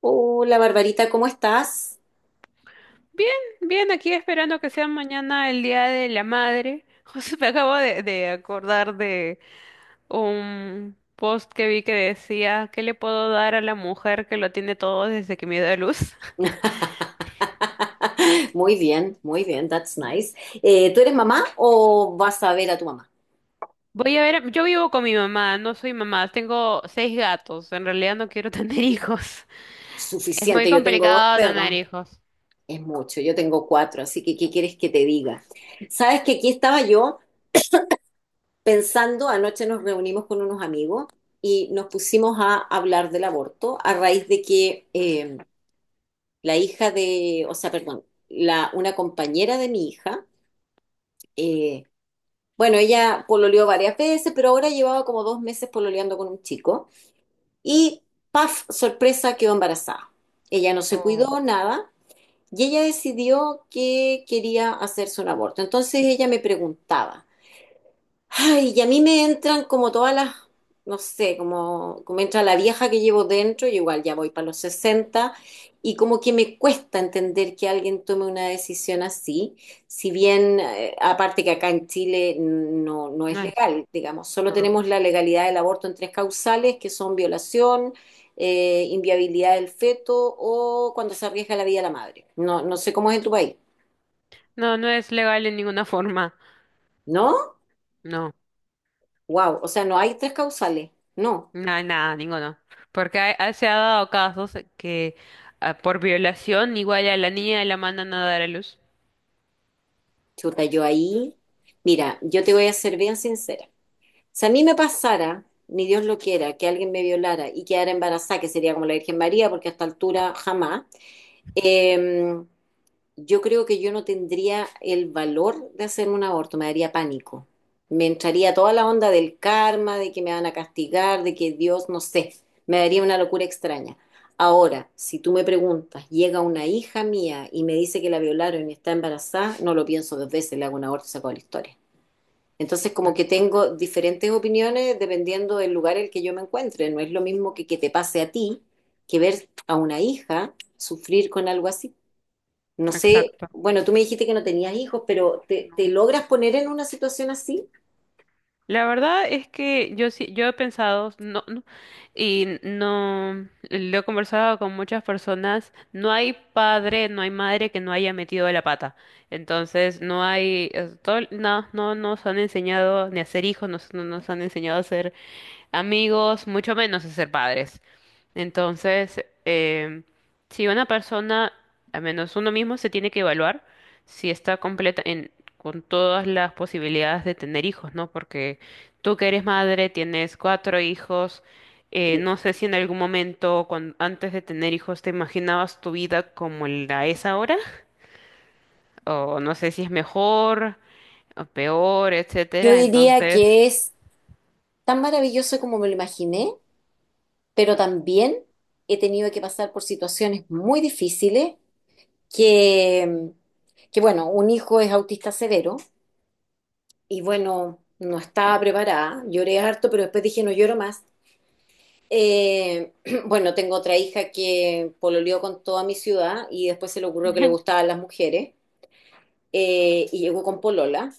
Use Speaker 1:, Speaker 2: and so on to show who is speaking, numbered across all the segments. Speaker 1: Hola Barbarita, ¿cómo estás?
Speaker 2: Bien, bien, aquí esperando que sea mañana el Día de la Madre. José, me acabo de acordar de un post que vi que decía, ¿qué le puedo dar a la mujer que lo tiene todo desde que me dio a luz?
Speaker 1: Muy bien, that's nice. ¿Tú eres mamá o vas a ver a tu mamá?
Speaker 2: Voy a ver, yo vivo con mi mamá, no soy mamá, tengo seis gatos, en realidad no quiero tener hijos. Es muy
Speaker 1: Suficiente, yo tengo dos
Speaker 2: complicado tener
Speaker 1: perros,
Speaker 2: hijos.
Speaker 1: es mucho, yo tengo cuatro, así que ¿qué quieres que te diga? Sabes que aquí estaba yo pensando, anoche nos reunimos con unos amigos y nos pusimos a hablar del aborto a raíz de que la hija de, o sea, perdón, una compañera de mi hija, eh, bueno, ella pololeó varias veces, pero ahora llevaba como 2 meses pololeando con un chico. Y, paf, sorpresa, quedó embarazada. Ella no se
Speaker 2: Oh,
Speaker 1: cuidó, nada. Y ella decidió que quería hacerse un aborto. Entonces ella me preguntaba, ay, y a mí me entran como todas las, no sé, como entra la vieja que llevo dentro, yo igual ya voy para los 60 y como que me cuesta entender que alguien tome una decisión así, si bien, aparte que acá en Chile no
Speaker 2: no
Speaker 1: es
Speaker 2: es,
Speaker 1: legal, digamos, solo
Speaker 2: no,
Speaker 1: tenemos la legalidad del aborto en tres causales, que son violación, inviabilidad del feto o cuando se arriesga la vida de la madre. No, no sé cómo es en tu país,
Speaker 2: no, no es legal en ninguna forma,
Speaker 1: ¿no?
Speaker 2: no.
Speaker 1: Wow, o sea, no hay tres causales, no.
Speaker 2: No, nada, ninguno. Porque se ha dado casos que ah, por violación igual a la niña la mandan a dar a luz.
Speaker 1: Chuta, yo ahí, mira, yo te voy a ser bien sincera. Si a mí me pasara, ni Dios lo quiera, que alguien me violara y quedara embarazada, que sería como la Virgen María, porque a esta altura jamás, eh, yo creo que yo no tendría el valor de hacer un aborto, me daría pánico. Me entraría toda la onda del karma, de que me van a castigar, de que Dios, no sé, me daría una locura extraña. Ahora, si tú me preguntas, llega una hija mía y me dice que la violaron y está embarazada, no lo pienso dos veces, le hago un aborto y saco la historia. Entonces, como
Speaker 2: Claro.
Speaker 1: que tengo diferentes opiniones dependiendo del lugar en el que yo me encuentre. No es lo mismo que te pase a ti que ver a una hija sufrir con algo así. No sé,
Speaker 2: Exacto.
Speaker 1: bueno, tú me dijiste que no tenías hijos, pero ¿te logras poner en una situación así?
Speaker 2: La verdad es que yo sí, yo he pensado, no, no, y no, lo he conversado con muchas personas, no hay padre, no hay madre que no haya metido la pata. Entonces, no hay, no nos han enseñado ni a ser hijos, no nos han enseñado a ser amigos, mucho menos a ser padres. Entonces, si una persona, al menos uno mismo, se tiene que evaluar si está completa en, con todas las posibilidades de tener hijos, ¿no? Porque tú que eres madre, tienes cuatro hijos,
Speaker 1: Sí.
Speaker 2: no sé si en algún momento, antes de tener hijos, te imaginabas tu vida como la es ahora, o no sé si es mejor o peor,
Speaker 1: Yo
Speaker 2: etcétera.
Speaker 1: diría
Speaker 2: Entonces,
Speaker 1: que es tan maravilloso como me lo imaginé, pero también he tenido que pasar por situaciones muy difíciles que, que bueno, un hijo es autista severo y bueno, no estaba preparada, lloré harto, pero después dije no lloro más. Eh, bueno, tengo otra hija que pololeó con toda mi ciudad y después se le ocurrió que le gustaban las mujeres. Y llegó con polola.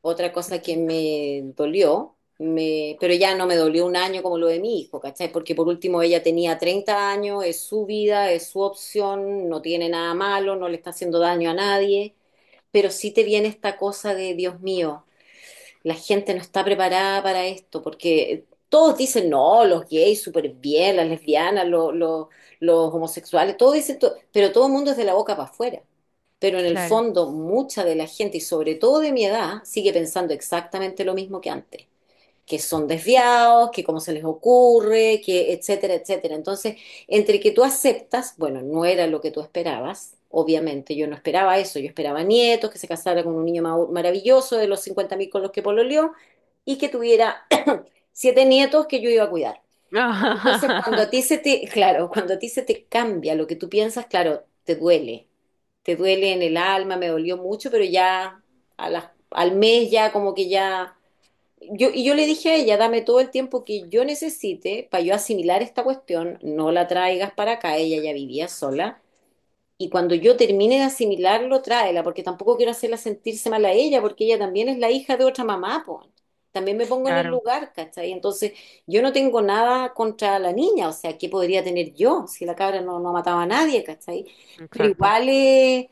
Speaker 1: Otra cosa que
Speaker 2: Ujú.
Speaker 1: me dolió, pero ya no me dolió un año como lo de mi hijo, ¿cachai? Porque por último ella tenía 30 años, es su vida, es su opción, no tiene nada malo, no le está haciendo daño a nadie, pero sí te viene esta cosa de, Dios mío, la gente no está preparada para esto, porque todos dicen, no, los gays súper bien, las lesbianas, los homosexuales, todos dicen, pero todo el mundo es de la boca para afuera. Pero en el
Speaker 2: Claro.
Speaker 1: fondo, mucha de la gente, y sobre todo de mi edad, sigue pensando exactamente lo mismo que antes, que son desviados, que cómo se les ocurre, que etcétera, etcétera. Entonces, entre que tú aceptas, bueno, no era lo que tú esperabas, obviamente, yo no esperaba eso, yo esperaba nietos, que se casara con un niño maravilloso de los 50.000 con los que pololeó y que tuviera siete nietos que yo iba a cuidar. Entonces, cuando a ti se te, claro, cuando a ti se te cambia lo que tú piensas, claro, te duele en el alma, me dolió mucho, pero ya al mes ya como que ya y yo le dije a ella, dame todo el tiempo que yo necesite para yo asimilar esta cuestión, no la traigas para acá, ella ya vivía sola. Y cuando yo termine de asimilarlo, tráela, porque tampoco quiero hacerla sentirse mal a ella, porque ella también es la hija de otra mamá, pues. También me pongo en el
Speaker 2: Claro,
Speaker 1: lugar, ¿cachai? Entonces, yo no tengo nada contra la niña, o sea, ¿qué podría tener yo si la cabra no mataba a nadie, cachai? Pero
Speaker 2: exacto.
Speaker 1: igual,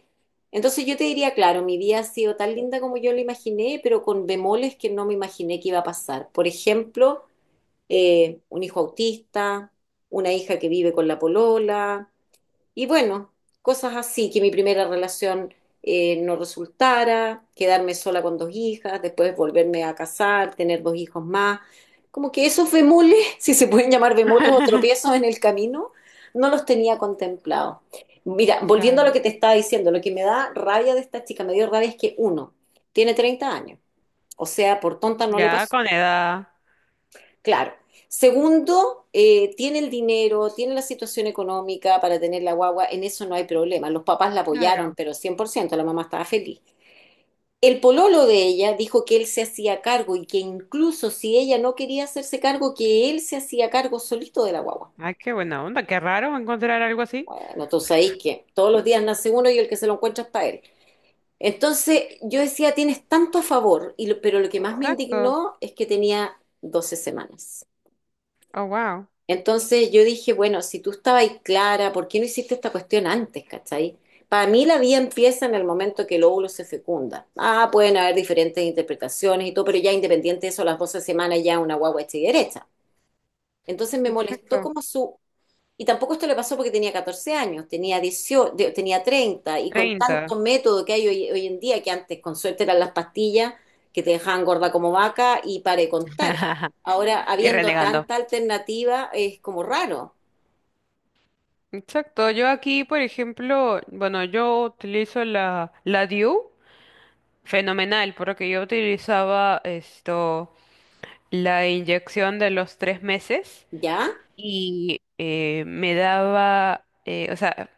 Speaker 1: entonces yo te diría, claro, mi vida ha sido tan linda como yo la imaginé, pero con bemoles que no me imaginé que iba a pasar. Por ejemplo, un hijo autista, una hija que vive con la polola y bueno, cosas así, que mi primera relación no resultara, quedarme sola con dos hijas, después volverme a casar, tener dos hijos más. Como que esos bemoles, si se pueden llamar bemoles o tropiezos en el camino, no los tenía contemplados. Mira, volviendo a
Speaker 2: Claro,
Speaker 1: lo que te estaba diciendo, lo que me da rabia de esta chica, me dio rabia es que uno, tiene 30 años, o sea, por tonta no le
Speaker 2: ya
Speaker 1: pasó.
Speaker 2: con edad.
Speaker 1: Claro. Segundo, tiene el dinero, tiene la situación económica para tener la guagua, en eso no hay problema. Los papás la apoyaron,
Speaker 2: Claro.
Speaker 1: pero 100% la mamá estaba feliz. El pololo de ella dijo que él se hacía cargo y que incluso si ella no quería hacerse cargo, que él se hacía cargo solito de la guagua.
Speaker 2: Ay, qué buena onda, qué raro encontrar algo así.
Speaker 1: Bueno, tú sabéis que todos los días nace uno y el que se lo encuentra es para él. Entonces yo decía, tienes tanto a favor, y pero lo que más me
Speaker 2: Exacto.
Speaker 1: indignó es que tenía 12 semanas.
Speaker 2: Oh, wow.
Speaker 1: Entonces yo dije, bueno, si tú estabas ahí clara, ¿por qué no hiciste esta cuestión antes, cachai? Para mí la vida empieza en el momento que el óvulo se fecunda. Ah, pueden haber diferentes interpretaciones y todo, pero ya independiente de eso, a las 12 semanas ya una guagua hecha y derecha. Entonces me molestó
Speaker 2: Exacto.
Speaker 1: como su... Y tampoco esto le pasó porque tenía 14 años, tenía 18, tenía 30 y con
Speaker 2: 30
Speaker 1: tanto método que hay hoy, en día, que antes con suerte eran las pastillas que te dejaban gorda como vaca y para de contar. Ahora,
Speaker 2: Y
Speaker 1: habiendo ah,
Speaker 2: renegando.
Speaker 1: tanta alternativa, es como raro.
Speaker 2: Exacto. Yo aquí, por ejemplo, bueno, yo utilizo la DIU, fenomenal, porque yo utilizaba esto, la inyección de los 3 meses
Speaker 1: ¿Ya?
Speaker 2: y me daba, o sea,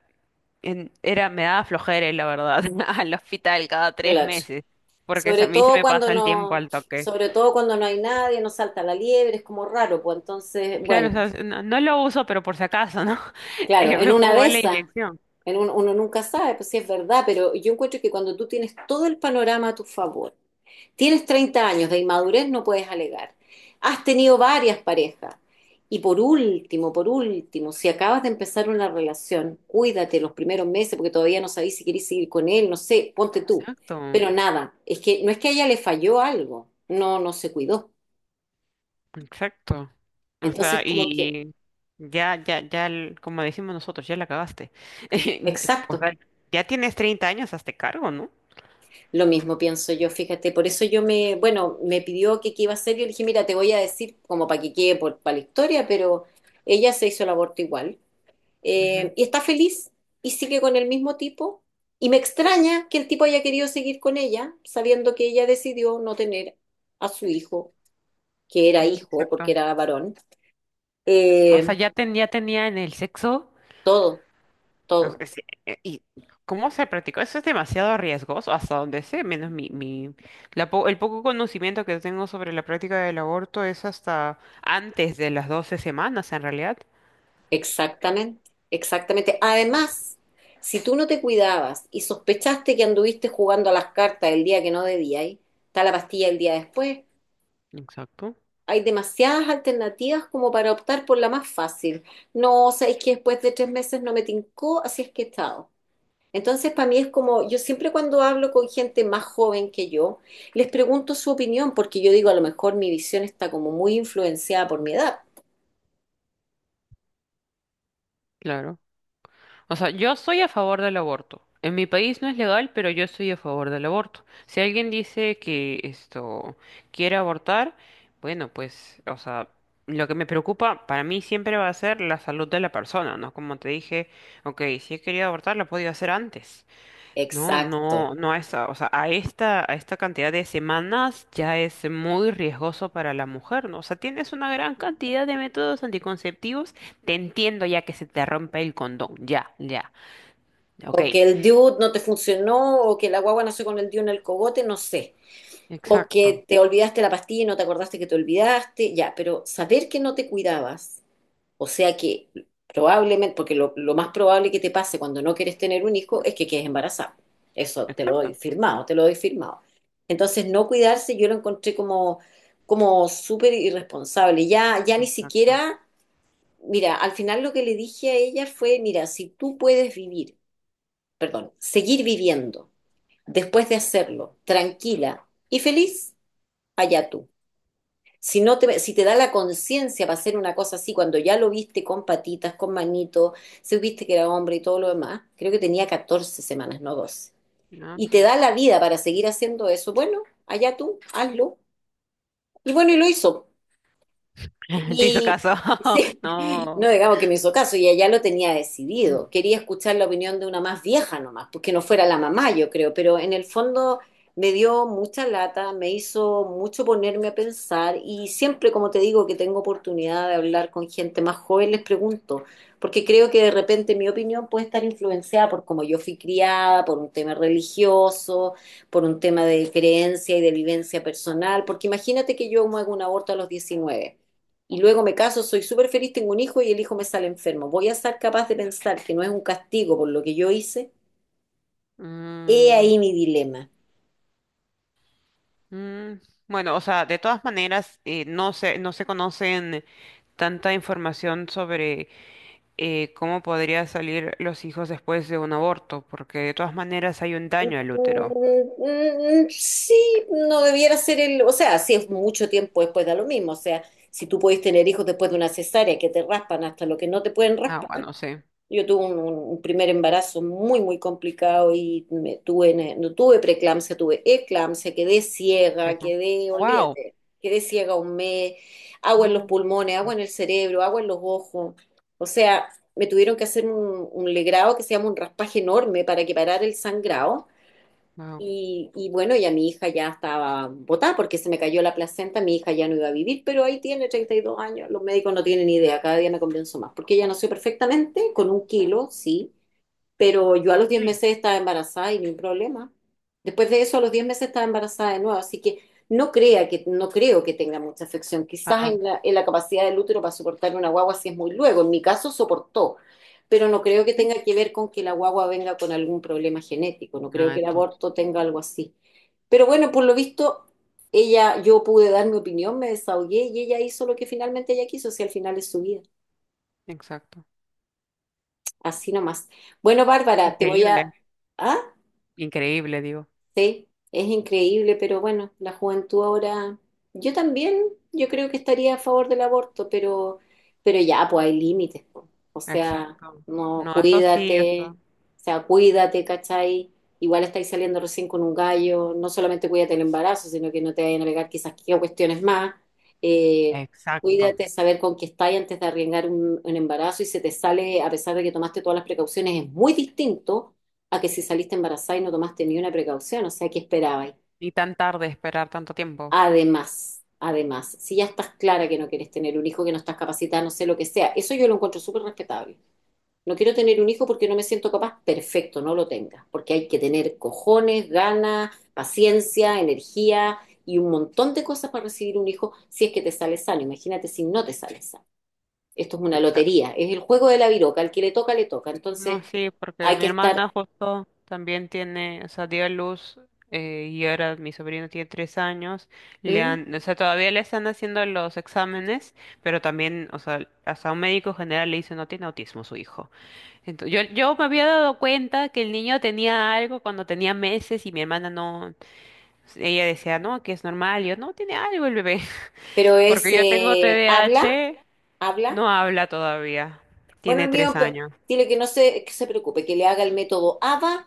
Speaker 2: era, me daba flojera, la verdad, al hospital cada tres
Speaker 1: Clutch.
Speaker 2: meses, porque se, a
Speaker 1: Sobre
Speaker 2: mí se
Speaker 1: todo
Speaker 2: me
Speaker 1: cuando
Speaker 2: pasa el tiempo
Speaker 1: no,
Speaker 2: al toque.
Speaker 1: sobre todo cuando no hay nadie, no salta la liebre, es como raro, pues entonces,
Speaker 2: Claro,
Speaker 1: bueno,
Speaker 2: o sea, no, no lo uso, pero por si acaso, ¿no?
Speaker 1: claro, en
Speaker 2: Me
Speaker 1: una
Speaker 2: pongo
Speaker 1: de
Speaker 2: la
Speaker 1: esas,
Speaker 2: inyección.
Speaker 1: uno nunca sabe, pues sí es verdad, pero yo encuentro que cuando tú tienes todo el panorama a tu favor, tienes 30 años de inmadurez, no puedes alegar. Has tenido varias parejas. Y por último, si acabas de empezar una relación, cuídate los primeros meses porque todavía no sabéis si querés seguir con él, no sé, ponte tú.
Speaker 2: Exacto,
Speaker 1: Pero nada, es que no es que a ella le falló algo, no, no se cuidó.
Speaker 2: exacto. O sea,
Speaker 1: Entonces, como que,
Speaker 2: y ya, ya, ya, como decimos nosotros, ya la cagaste. O
Speaker 1: exacto,
Speaker 2: sea, ya tienes 30 años, hazte cargo, ¿no?
Speaker 1: lo mismo pienso yo, fíjate, por eso bueno, me pidió que qué iba a hacer, yo le dije, mira, te voy a decir como para que quede para la historia, pero ella se hizo el aborto igual. eh,
Speaker 2: Ujú,
Speaker 1: y está feliz y sigue con el mismo tipo. Y me extraña que el tipo haya querido seguir con ella, sabiendo que ella decidió no tener a su hijo, que era
Speaker 2: mm,
Speaker 1: hijo porque
Speaker 2: Exacto.
Speaker 1: era varón.
Speaker 2: O sea,
Speaker 1: Eh,
Speaker 2: ya tenía en el sexo.
Speaker 1: todo,
Speaker 2: No
Speaker 1: todo,
Speaker 2: sé ¿y cómo se practicó? Eso es demasiado riesgoso, hasta donde sé, menos el poco conocimiento que tengo sobre la práctica del aborto es hasta antes de las 12 semanas, en realidad.
Speaker 1: exactamente, exactamente. Además, si tú no te cuidabas y sospechaste que anduviste jugando a las cartas el día que no debías, está la pastilla el día después,
Speaker 2: Exacto,
Speaker 1: hay demasiadas alternativas como para optar por la más fácil. No, o sea, es que después de 3 meses no me tincó, así es que he estado. Entonces, para mí es como, yo siempre cuando hablo con gente más joven que yo, les pregunto su opinión, porque yo digo, a lo mejor mi visión está como muy influenciada por mi edad.
Speaker 2: claro. O sea, yo soy a favor del aborto. En mi país no es legal, pero yo estoy a favor del aborto. Si alguien dice que esto quiere abortar, bueno, pues, o sea, lo que me preocupa para mí siempre va a ser la salud de la persona, ¿no? Como te dije, ok, si he querido abortar, lo he podido hacer antes. No,
Speaker 1: Exacto.
Speaker 2: no, no a esa, o sea, a esta cantidad de semanas ya es muy riesgoso para la mujer, ¿no? O sea, tienes una gran cantidad de métodos anticonceptivos. Te entiendo ya que se te rompe el condón, ya, ya. Ok,
Speaker 1: O que el dude no te funcionó, o que la guagua nació con el dude en el cogote, no sé. O
Speaker 2: exacto,
Speaker 1: que te olvidaste la pastilla y no te acordaste que te olvidaste, ya, pero saber que no te cuidabas. O sea que probablemente, porque lo más probable que te pase cuando no quieres tener un hijo es que quedes embarazada. Eso te lo doy
Speaker 2: exacto,
Speaker 1: firmado, te lo doy firmado. Entonces, no cuidarse yo lo encontré como, súper irresponsable. Ya, ya ni
Speaker 2: exacto.
Speaker 1: siquiera, mira, al final lo que le dije a ella fue, mira, si tú puedes vivir, perdón, seguir viviendo después de hacerlo, tranquila y feliz, allá tú. Si, no te, si te da la conciencia para hacer una cosa así, cuando ya lo viste con patitas, con manitos, si viste que era hombre y todo lo demás, creo que tenía 14 semanas, no 12.
Speaker 2: No,
Speaker 1: Y te da la vida para seguir haciendo eso, bueno, allá tú, hazlo. Y bueno, y lo hizo.
Speaker 2: Te hizo
Speaker 1: Y
Speaker 2: caso.
Speaker 1: sí,
Speaker 2: No.
Speaker 1: no digamos que me hizo caso, y ella lo tenía decidido. Quería escuchar la opinión de una más vieja nomás, porque no fuera la mamá, yo creo, pero en el fondo me dio mucha lata, me hizo mucho ponerme a pensar, y siempre, como te digo, que tengo oportunidad de hablar con gente más joven, les pregunto, porque creo que de repente mi opinión puede estar influenciada por cómo yo fui criada, por un tema religioso, por un tema de creencia y de vivencia personal, porque imagínate que yo me hago un aborto a los 19 y luego me caso, soy súper feliz, tengo un hijo y el hijo me sale enfermo. ¿Voy a ser capaz de pensar que no es un castigo por lo que yo hice? He
Speaker 2: Mm,
Speaker 1: ahí mi dilema.
Speaker 2: mm. Bueno, o sea, de todas maneras, no se conocen tanta información sobre cómo podría salir los hijos después de un aborto, porque de todas maneras hay un daño al útero.
Speaker 1: Mm, mm, sí, no debiera ser o sea, si es mucho tiempo después da lo mismo, o sea, si tú puedes tener hijos después de una cesárea que te raspan hasta lo que no te pueden
Speaker 2: Ah,
Speaker 1: raspar.
Speaker 2: bueno, sí.
Speaker 1: Yo tuve un primer embarazo muy, muy complicado y no tuve preeclampsia, tuve eclampsia, quedé
Speaker 2: ¿Qué es
Speaker 1: ciega,
Speaker 2: eso? Wow.
Speaker 1: olvídate, quedé ciega un mes, agua en los
Speaker 2: No.
Speaker 1: pulmones, agua en el cerebro, agua en los ojos. O sea, me tuvieron que hacer un legrado que se llama un raspaje enorme para que parara el sangrado,
Speaker 2: Wow.
Speaker 1: y bueno, ya mi hija ya estaba botada porque se me cayó la placenta, mi hija ya no iba a vivir, pero ahí tiene 32 años, los médicos no tienen idea, cada día me convenzo más, porque ella nació perfectamente, con un kilo, sí, pero yo a los 10
Speaker 2: Sí.
Speaker 1: meses estaba embarazada y ni un problema. Después de eso, a los 10 meses estaba embarazada de nuevo, así que no creo que tenga mucha afección. Quizás
Speaker 2: Ah,
Speaker 1: en en la capacidad del útero para soportar una guagua si es muy luego. En mi caso soportó, pero no creo que
Speaker 2: sí.
Speaker 1: tenga que ver con que la guagua venga con algún problema genético. No creo
Speaker 2: Ah,
Speaker 1: que el
Speaker 2: entonces.
Speaker 1: aborto tenga algo así. Pero bueno, por lo visto, ella, yo pude dar mi opinión, me desahogué y ella hizo lo que finalmente ella quiso, si al final es su vida.
Speaker 2: Exacto.
Speaker 1: Así nomás. Bueno, Bárbara, te voy a...
Speaker 2: Increíble.
Speaker 1: ¿Ah?
Speaker 2: Increíble, digo.
Speaker 1: Sí, es increíble, pero bueno, la juventud ahora, yo también, yo creo que estaría a favor del aborto, pero ya, pues hay límites, po. O sea,
Speaker 2: Exacto.
Speaker 1: no,
Speaker 2: No, eso sí,
Speaker 1: cuídate,
Speaker 2: eso.
Speaker 1: o sea, cuídate, ¿cachai? Igual estáis saliendo recién con un gallo, no solamente cuídate el embarazo, sino que no te vayan a pegar quizás qué cuestiones más. Eh,
Speaker 2: Exacto.
Speaker 1: cuídate, saber con qué estáis antes de arriesgar un embarazo y se te sale, a pesar de que tomaste todas las precauciones, es muy distinto a que si saliste embarazada y no tomaste ni una precaución, o sea, ¿qué esperabais?
Speaker 2: Y tan tarde esperar tanto tiempo.
Speaker 1: Además, si ya estás clara que no quieres tener un hijo, que no estás capacitada, no sé lo que sea, eso yo lo encuentro súper respetable. No quiero tener un hijo porque no me siento capaz, perfecto, no lo tengas, porque hay que tener cojones, ganas, paciencia, energía y un montón de cosas para recibir un hijo si es que te sale sano. Imagínate si no te sale sano. Esto es una
Speaker 2: Exacto.
Speaker 1: lotería, es el juego de la viroca, al que le toca, le toca.
Speaker 2: No,
Speaker 1: Entonces,
Speaker 2: sí, porque
Speaker 1: hay que
Speaker 2: mi
Speaker 1: estar,
Speaker 2: hermana justo también tiene, o sea, dio a luz y ahora mi sobrino tiene 3 años. Le
Speaker 1: ¿Mm?
Speaker 2: han, o sea, todavía le están haciendo los exámenes, pero también, o sea, hasta un médico general le dice no tiene autismo su hijo. Entonces, yo me había dado cuenta que el niño tenía algo cuando tenía meses y mi hermana no, ella decía, no, que es normal. Y yo, no, tiene algo el bebé. Porque yo tengo
Speaker 1: Habla
Speaker 2: TDAH,
Speaker 1: habla.
Speaker 2: no habla todavía.
Speaker 1: Bueno,
Speaker 2: Tiene
Speaker 1: el
Speaker 2: tres
Speaker 1: mío,
Speaker 2: años.
Speaker 1: dile que no se, que se preocupe, que le haga el método ABA,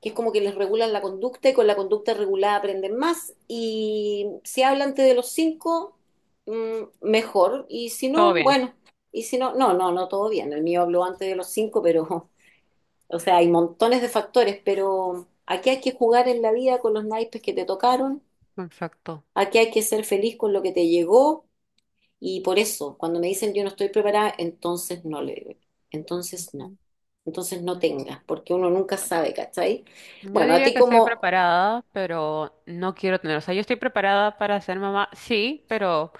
Speaker 1: que es como que les regulan la conducta y con la conducta regulada aprenden más. Y si habla antes de los 5, mejor. Y si
Speaker 2: Todo
Speaker 1: no,
Speaker 2: bien.
Speaker 1: bueno. Y si no, no, no, no, todo bien. El mío habló antes de los 5, pero, o sea, hay montones de factores, pero aquí hay que jugar en la vida con los naipes que te tocaron.
Speaker 2: Exacto.
Speaker 1: Aquí hay que ser feliz con lo que te llegó. Y por eso, cuando me dicen yo no estoy preparada, entonces no le digo, entonces no,
Speaker 2: Mm,
Speaker 1: entonces no
Speaker 2: no,
Speaker 1: tengas, porque uno nunca
Speaker 2: no.
Speaker 1: sabe, ¿cachai?
Speaker 2: Yo
Speaker 1: Bueno, a
Speaker 2: diría
Speaker 1: ti
Speaker 2: que estoy
Speaker 1: como
Speaker 2: preparada, pero no quiero tener. O sea, yo estoy preparada para ser mamá, sí, pero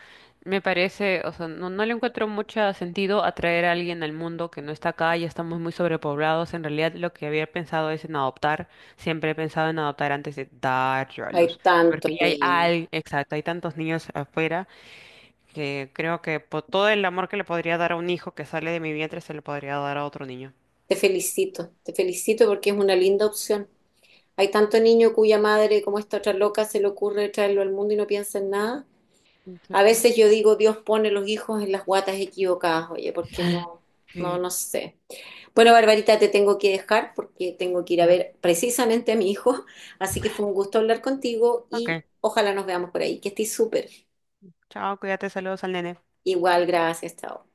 Speaker 2: me parece, o sea, no, no le encuentro mucho sentido atraer a alguien al mundo que no está acá, ya estamos muy sobrepoblados. En realidad, lo que había pensado es en adoptar. Siempre he pensado en adoptar antes de dar yo a
Speaker 1: hay
Speaker 2: luz,
Speaker 1: tanto
Speaker 2: porque ya hay,
Speaker 1: niño,
Speaker 2: exacto, hay tantos niños afuera que creo que por todo el amor que le podría dar a un hijo que sale de mi vientre se le podría dar a otro niño.
Speaker 1: te felicito porque es una linda opción. Hay tanto niño cuya madre, como esta otra loca, se le ocurre traerlo al mundo y no piensa en nada. A
Speaker 2: Exacto.
Speaker 1: veces yo digo, Dios pone los hijos en las guatas equivocadas, oye, porque no, no,
Speaker 2: Sí,
Speaker 1: no sé. Bueno, Barbarita, te tengo que dejar porque tengo que ir a
Speaker 2: ya.
Speaker 1: ver precisamente a mi hijo, así que fue un gusto hablar contigo y
Speaker 2: Ok.
Speaker 1: ojalá nos veamos por ahí. Que estés súper.
Speaker 2: Chao, cuídate, saludos al nene.
Speaker 1: Igual, gracias, chao.